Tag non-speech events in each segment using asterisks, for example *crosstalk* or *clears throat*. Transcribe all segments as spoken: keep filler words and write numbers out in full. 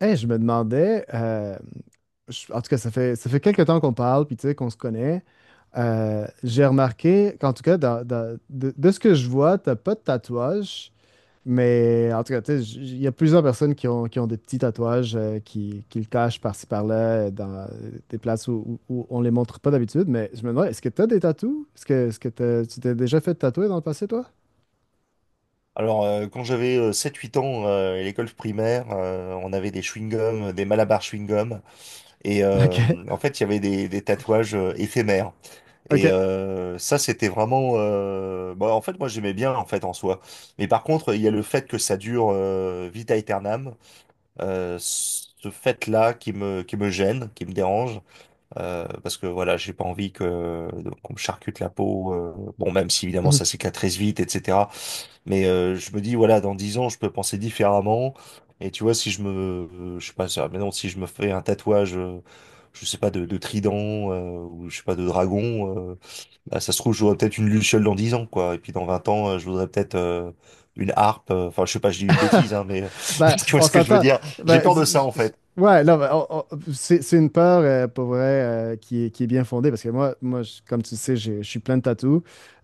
Hey, je me demandais, euh, je- en tout cas, ça fait, ça fait quelques temps qu'on parle, puis tu sais, qu'on se connaît. Euh, j'ai remarqué qu'en tout cas, dans- dans- de, de ce que je vois, t'as pas de tatouage, mais en tout cas, tu sais, j- il y a plusieurs personnes qui ont, qui ont des petits tatouages, euh, qui, qui le cachent par-ci par-là, euh, dans des places où, où, où on les montre pas d'habitude, mais je me demande, est-ce que t'as des tatous? Est-ce que, est-ce que t'as- tu t'es déjà fait tatouer dans le passé, toi? Alors, euh, quand j'avais euh, sept huit ans euh, à l'école primaire, euh, on avait des chewing-gums, des Malabar chewing-gums. Et euh, en *laughs* fait, il y avait des, des tatouages euh, éphémères. Ok, Et ok. euh, ça, c'était vraiment... euh, bah, en fait, moi, j'aimais bien, en fait, en soi. Mais par contre, il y a le fait que ça dure euh, vita aeternam. Euh, ce fait-là qui me, qui me gêne, qui me dérange. Euh, parce que, voilà, j'ai pas envie que qu'on me charcute la peau. euh, bon, même si, évidemment, ça *clears throat* cicatrise vite, et cetera. Mais euh, je me dis, voilà, dans dix ans, je peux penser différemment. Et tu vois, si je me, euh, je sais pas, ça- mais non, si je me fais un tatouage, euh, je sais pas, de, de trident, euh, ou je sais pas, de dragon, euh, bah, ça se trouve, j'aurais peut-être une luciole dans dix ans, quoi. Et puis dans vingt ans, euh, je voudrais peut-être euh, une harpe. euh, Enfin, je sais pas, je dis une *laughs* bêtise, hein, mais Ben, *laughs* tu vois on ce que je veux s'entend. dire? J'ai Ben, peur de ça, j- en j- fait. ouais, non, ben, on- on- c'est c'est une peur, euh, pour vrai, euh, qui est, qui est bien fondée parce que moi, moi je- comme tu le sais, j'ai- je suis plein de tatous.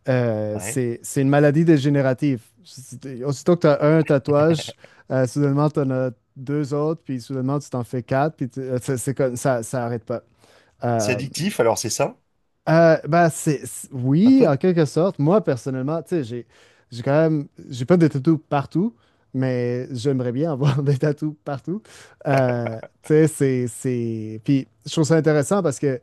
Euh, Ouais. c'est c'est une maladie dégénérative. C'est- Aussitôt que tu as un tatouage, *laughs* euh, soudainement, tu en as deux autres, puis soudainement, tu t'en fais quatre, puis tu- euh, c'est c'est comme ça, ça arrête pas. C'est Euh, addictif, alors c'est ça, euh, ben, c'est, c'est- un oui, en peu? quelque sorte. Moi, personnellement, tu sais, j'ai, j'ai quand même, j'ai pas de tatou partout, mais j'aimerais bien avoir *laughs* des tatous partout. Euh, tu sais, c'est, c'est... Puis, je trouve ça intéressant parce que,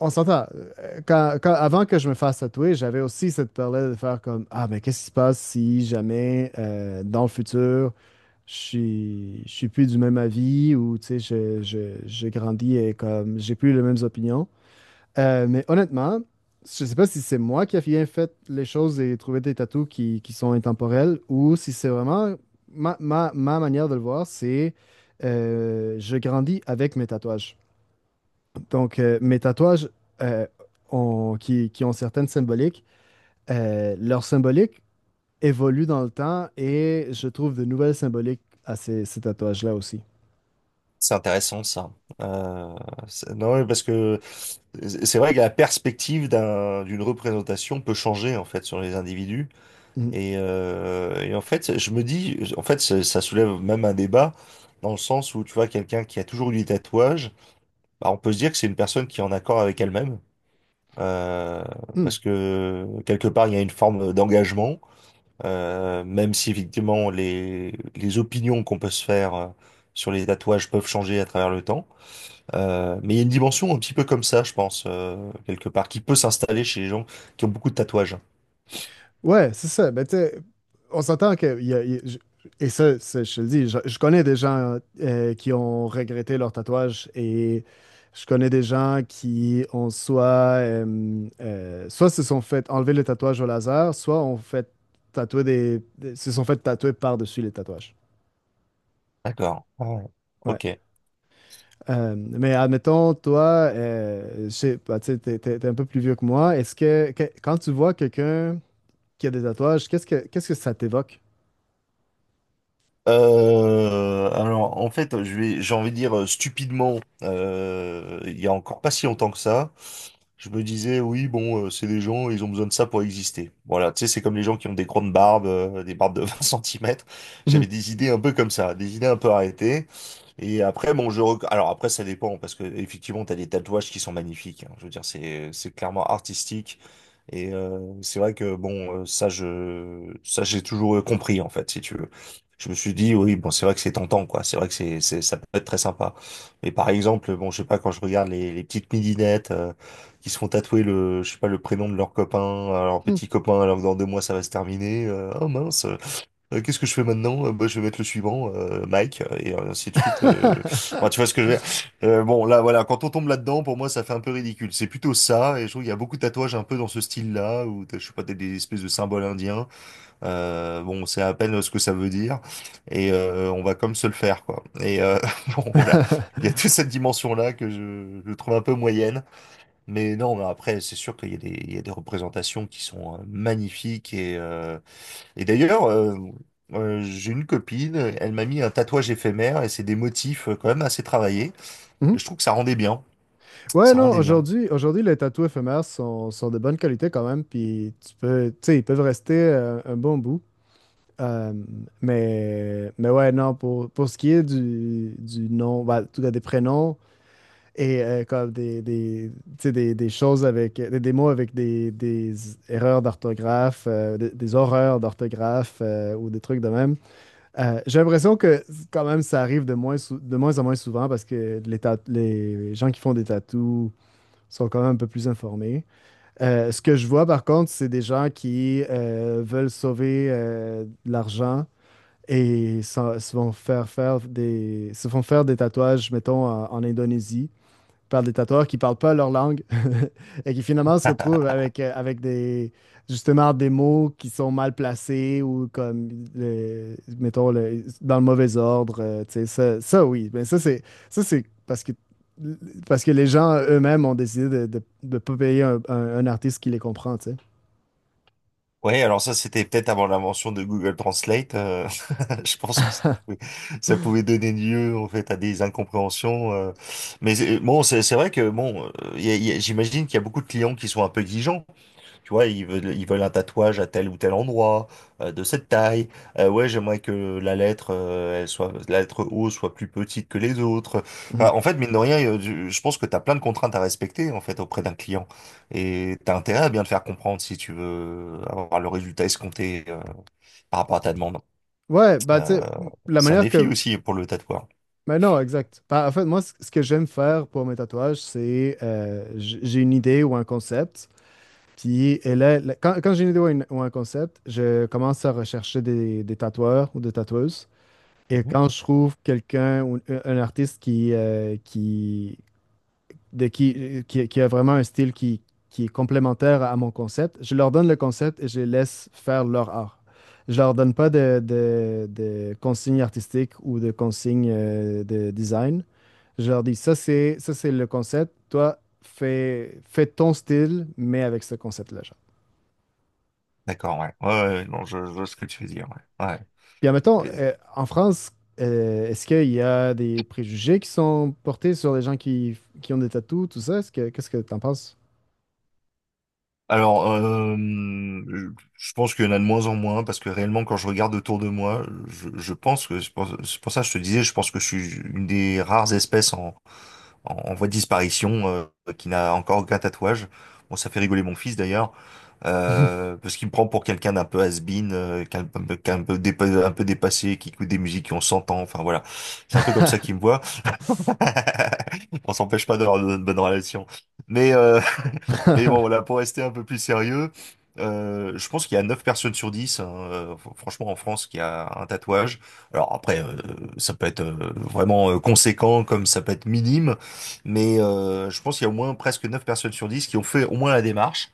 on s'entend, euh, quand, quand- avant que je me fasse tatouer, j'avais aussi cette peur-là de faire comme, ah, mais qu'est-ce qui se passe si jamais, euh, dans le futur, je suis, je suis plus du même avis ou, tu sais, je, je, je grandis et comme, j'ai plus les mêmes opinions. Euh, mais honnêtement, je sais pas si c'est moi qui ai bien fait les choses et trouvé des tatous qui, qui sont intemporels ou si c'est vraiment ma, ma- ma manière de le voir, c'est euh, je grandis avec mes tatouages. Donc, euh, mes tatouages euh, ont- qui, qui ont certaines symboliques, euh, leur symbolique évolue dans le temps et je trouve de nouvelles symboliques à ces, ces tatouages-là aussi. C'est intéressant, ça. Euh, c'est- non, ouais, parce que c'est vrai que la perspective d'un, d'une représentation peut changer en fait sur les individus. Et, euh, et en fait je me dis en fait ça ça soulève même un débat, dans le sens où tu vois quelqu'un qui a toujours eu des tatouages, bah, on peut se dire que c'est une personne qui est en accord avec elle-même, euh, Mhm. parce que quelque part il y a une forme d'engagement, euh, même si effectivement les les opinions qu'on peut se faire euh, sur les tatouages peuvent changer à travers le temps, euh, mais il y a une dimension un petit peu comme ça, je pense, euh, quelque part, qui peut s'installer chez les gens qui ont beaucoup de tatouages. Ouais, c'est ça. Mais tu sais, on s'entend que. Il y a- il y a- je- et ça, ça, je te le dis, je, je connais des gens euh, qui ont regretté leur tatouage et je connais des gens qui ont soit. euh, euh, soit se sont fait enlever le tatouage au laser, soit ont fait tatouer des, des- se sont fait tatouer par-dessus les tatouages. D'accord. Ah ouais. Ouais. Ok. Euh, mais admettons, toi, euh, je sais pas, tu sais, t'es, t'es- t'es un peu plus vieux que moi. Est-ce que, que- quand tu vois quelqu'un qui a des tatouages, qu'est-ce que, qu'est-ce que ça t'évoque? Euh, alors, en fait, je vais, j'ai envie de dire euh, stupidement, euh, il y a encore pas si longtemps que ça. Je me disais, oui, bon, euh, c'est des gens, ils ont besoin de ça pour exister. Voilà, tu sais, c'est comme les gens qui ont des grandes barbes, euh, des barbes de *laughs* vingt centimètres. J'avais des *laughs* idées un peu comme ça, des idées un peu arrêtées. Et après, bon, je... rec- Alors après, ça dépend, parce que effectivement, t'as des tatouages qui sont magnifiques, hein. Je veux dire, c'est c'est clairement artistique. Et euh, c'est vrai que, bon, euh, ça, je... ça, j'ai toujours euh, compris, en fait, si tu veux. Je me suis dit, oui, bon, c'est vrai que c'est tentant, quoi. C'est vrai que c'est, c'est, ça peut être très sympa. Mais par exemple, bon, je sais pas, quand je regarde les, les petites midinettes, euh, qui se font tatouer le, je sais pas, le prénom de leur copain, euh, leur petit copain, alors que dans deux mois ça va se terminer. Euh, oh mince, euh, qu'est-ce que je fais maintenant? Euh, bah, je vais mettre le suivant, euh, Mike, et ainsi de suite. euh. Enfin, *laughs* tu vois ce que je veux dire? Euh, bon, là, voilà, quand on tombe là-dedans, pour moi, ça fait un peu ridicule. C'est plutôt ça, et je trouve qu'il y a beaucoup de tatouages un peu dans ce style-là, où t'as- je sais pas, t'as des espèces de symboles indiens. Euh, bon, on sait à peine ce que ça veut dire, et euh, on va comme se le faire, quoi. Et euh, *laughs* bon, voilà, il y a toute cette dimension-là que je, je trouve un peu moyenne. Mais non, mais après, c'est sûr qu'il y a des, il y a des représentations qui sont euh, magnifiques. Et, euh, et d'ailleurs, euh, euh, j'ai une copine, elle m'a mis un tatouage éphémère et c'est des motifs euh, quand même assez travaillés. Mhm. Et je trouve que ça rendait bien. Ouais, Ça non, rendait bien. aujourd'hui, aujourd'hui, les tatous éphémères sont, sont de bonne qualité quand même, puis tu peux, tu sais, ils peuvent rester euh, un bon bout. Euh, mais, mais ouais, non, pour, pour ce qui est du, du nom, bah, en tout cas des prénoms et euh, comme des, des, tu sais, des, des choses avec, des, des mots avec des, des erreurs d'orthographe, euh, des, des horreurs d'orthographe euh, ou des trucs de même. Euh, j'ai l'impression que quand même ça arrive de moins, sou- de moins en moins souvent parce que les, ta- les gens qui font des tatous sont quand même un peu plus informés. Euh, ce que je vois par contre, c'est des gens qui euh, veulent sauver euh, de l'argent et s'en- se, vont faire faire des, se font faire des tatouages, mettons, en, en Indonésie par des tatoueurs qui ne parlent pas leur langue *laughs* et qui finalement se retrouvent avec, euh, avec des, justement des mots qui sont mal placés ou comme, le- mettons, le- dans le mauvais ordre. euh, tu sais, ça, ça, oui. Mais ça, c'est ça, c'est parce que, parce que les gens eux-mêmes ont décidé de ne de- de pas payer un, un- un artiste qui les comprend, tu sais. Ouais, alors ça, c'était peut-être avant l'invention de Google Translate. Euh, *laughs* je pense que ça pouvait, ça pouvait *laughs* donner lieu en fait à des incompréhensions. euh. Mais c'est- bon, c'est c'est vrai que bon, euh, il y a- il y a- j'imagine qu'il y a beaucoup de clients qui sont un peu exigeants. Tu vois, ils veulent, ils veulent un tatouage à tel ou tel endroit, euh, de cette taille. Euh, ouais, j'aimerais que la lettre, euh, elle soit, la lettre O soit plus petite que les autres. Enfin, Mhm. en fait, mine de rien, euh, je je pense que tu as plein de contraintes à respecter, en fait, auprès d'un client. Et tu as intérêt à bien te faire comprendre si tu veux avoir le résultat escompté, euh, par rapport à ta demande. Ouais, bah, tu Euh, sais, la c'est un manière défi que. aussi pour le tatoueur. Mais non, exact. Bah, en fait, moi, c- ce que j'aime faire pour mes tatouages, c'est euh, j- j'ai une idée ou un concept. Puis et là, là, quand, quand j'ai une idée ou, une- ou un concept, je commence à rechercher des, des tatoueurs ou des tatoueuses. Et Mhm. quand je trouve quelqu'un ou un, un artiste qui, euh, qui, de qui, qui, qui a vraiment un style qui, qui est complémentaire à mon concept, je leur donne le concept et je les laisse faire leur art. Je leur donne pas de, de, de consignes artistiques ou de consignes euh, de design. Je leur dis, ça c'est, ça c'est le concept, toi fais, fais ton style, mais avec ce concept-là. D'accord, ouais. Ouais, ouais, ouais, non, je, je vois ce que tu veux dire, ouais. Ouais. Puis, admettons, Et- euh, en France, euh, est-ce qu'il y a des préjugés qui sont portés sur les gens qui, qui ont des tatous, tout ça? Est-ce que, qu'est-ce que t'en penses? alors, euh, je pense qu'il y en a de moins en moins, parce que réellement, quand je regarde autour de moi, je, je pense que, c'est pour, c'est pour ça que je te disais, je pense que je suis une des rares espèces en, en, en voie de disparition, euh, qui n'a encore aucun tatouage. Bon, ça fait rigoler mon fils d'ailleurs, euh, parce qu'il me prend pour quelqu'un d'un peu has-been, euh, qu'un- qu'un peu, dépa- un peu dépassé, qui écoute des musiques qui ont cent ans, enfin voilà. C'est un peu comme ça *laughs* qu'il me voit. *laughs* On s'empêche pas d'avoir de bonnes relations. Mais, euh, *laughs* mais bon, voilà, pour rester un peu plus sérieux, euh, je pense qu'il y a neuf personnes sur dix, hein, euh, fr- franchement, en France, qui a un tatouage. Alors après, euh, ça peut être euh, vraiment euh, conséquent, comme ça peut être minime, mais euh, je pense qu'il y a au moins presque neuf personnes sur dix qui ont fait au moins la démarche.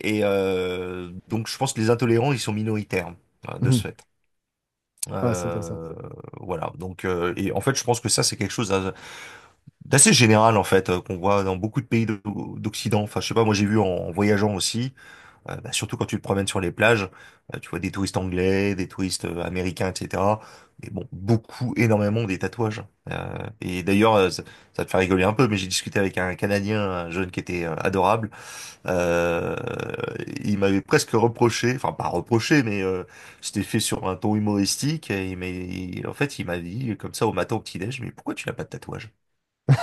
Et euh, donc, je pense que les intolérants, ils sont minoritaires, hein, de Mhm. ce fait. Ah, c'est intéressant. Euh, voilà. Donc, euh, et en fait, je pense que ça, c'est quelque chose d'assez général en fait euh, qu'on voit dans beaucoup de pays d'O- d'Occident. Enfin, je sais pas, moi j'ai vu en, en voyageant aussi, euh, bah, surtout quand tu te promènes sur les plages, euh, tu vois des touristes anglais, des touristes euh, américains, et cetera. Mais bon, beaucoup, énormément des tatouages. Euh, et d'ailleurs, euh, ça, ça te fait rigoler un peu, mais j'ai discuté avec un Canadien, un jeune qui était euh, adorable. Euh, il m'avait presque reproché, enfin pas reproché, mais euh, c'était fait sur un ton humoristique. Et il m'a- il- en fait, il m'a dit comme ça au matin au petit-déj, mais pourquoi tu n'as pas de tatouage?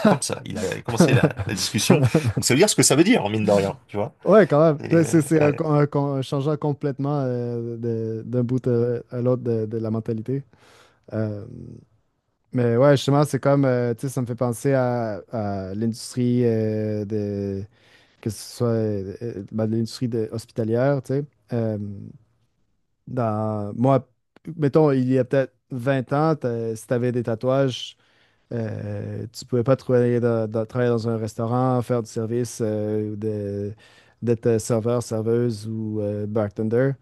Comme ça. Il a commencé la, la discussion. Donc *laughs* ça veut dire ce que ça veut dire, mine de rien, tu vois. Ouais, quand même. Et, Là, euh, C'est c'est un, ouais. con- Parce un un changeant complètement euh, de- d'un bout à, à l'autre de, de la mentalité. Euh, mais ouais, justement, c'est comme, euh, tu sais, ça me fait penser à, à l'industrie euh, de, que ce soit euh, euh, ben, l'industrie de- hospitalière, tu sais. Euh, Dans, moi, mettons, il y a peut-être vingt ans, t'as- si tu avais des tatouages, euh, tu pouvais pas travailler dans, dans- travailler dans un restaurant, faire du service, euh, ou de- d'être euh, serveur, serveuse ou euh, bartender.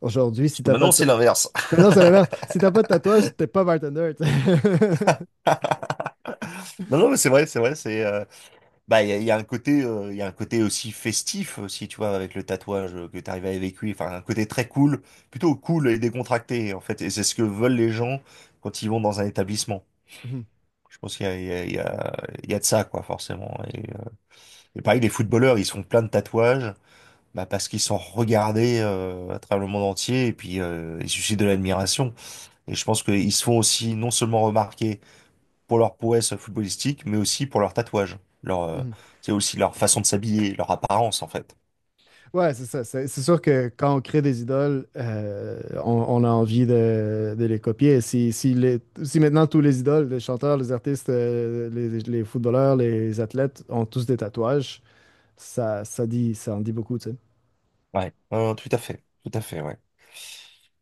Aujourd'hui, si que t'as pas maintenant, de... ta- c'est l'inverse. Mais *laughs* non, c'est l'inverse. Si t'as pas de tatouage, t'es pas bartender. Tu sais. *laughs* Non, non, mais c'est vrai, c'est vrai, c'est euh, bah il y a, il y a un côté, euh, il y a un côté aussi festif aussi, tu vois, avec le tatouage euh, que t'arrives à évacuer, enfin un côté très cool, plutôt cool et décontracté en fait, et c'est ce que veulent les gens quand ils vont dans un établissement. Mhm. Je pense qu'il y a, il y a, il y a, il y a de ça quoi, forcément. Et, euh, et pareil, les footballeurs, ils se font plein de tatouages. Bah parce qu'ils sont regardés euh, à travers le monde entier et puis euh, ils suscitent de l'admiration. Et je pense qu'ils se font aussi non seulement remarquer pour leur prouesse footballistique, mais aussi pour leur tatouage. Leur, euh, Mhm. c'est aussi leur façon de s'habiller, leur apparence en fait. Ouais, c'est ça. C'est c'est sûr que quand on crée des idoles, euh, on, on a envie de, de les copier. Si, si, les- si maintenant tous les idoles, les chanteurs, les artistes, euh, les, les footballeurs, les athlètes ont tous des tatouages, ça, ça dit, ça en dit beaucoup, tu sais. Ouais. Euh, tout à fait, tout à fait, ouais.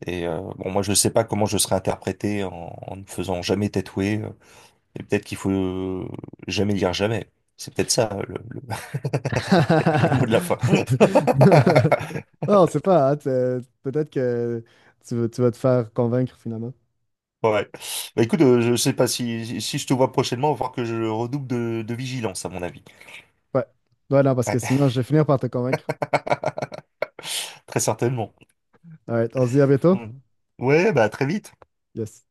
Et euh, bon, moi je sais pas comment je serais interprété en, en ne faisant jamais tatouer. Euh, et peut-être qu'il faut euh, jamais dire jamais. C'est peut-être ça le, le... *laughs* le mot *laughs* de la fin. *laughs* Non, c'est pas. Hein, t'es- Peut-être que tu, vas- tu vas te faire convaincre finalement. Ouais. Bah écoute, euh, je sais pas si, si si je te vois prochainement, il va falloir que je redouble de, de vigilance, à mon avis. Ouais. Ouais, non, parce que Ouais. sinon, je vais finir par te convaincre. *laughs* Très certainement. All right, on se dit à bientôt. Mm. Ouais, bah à très vite. Yes.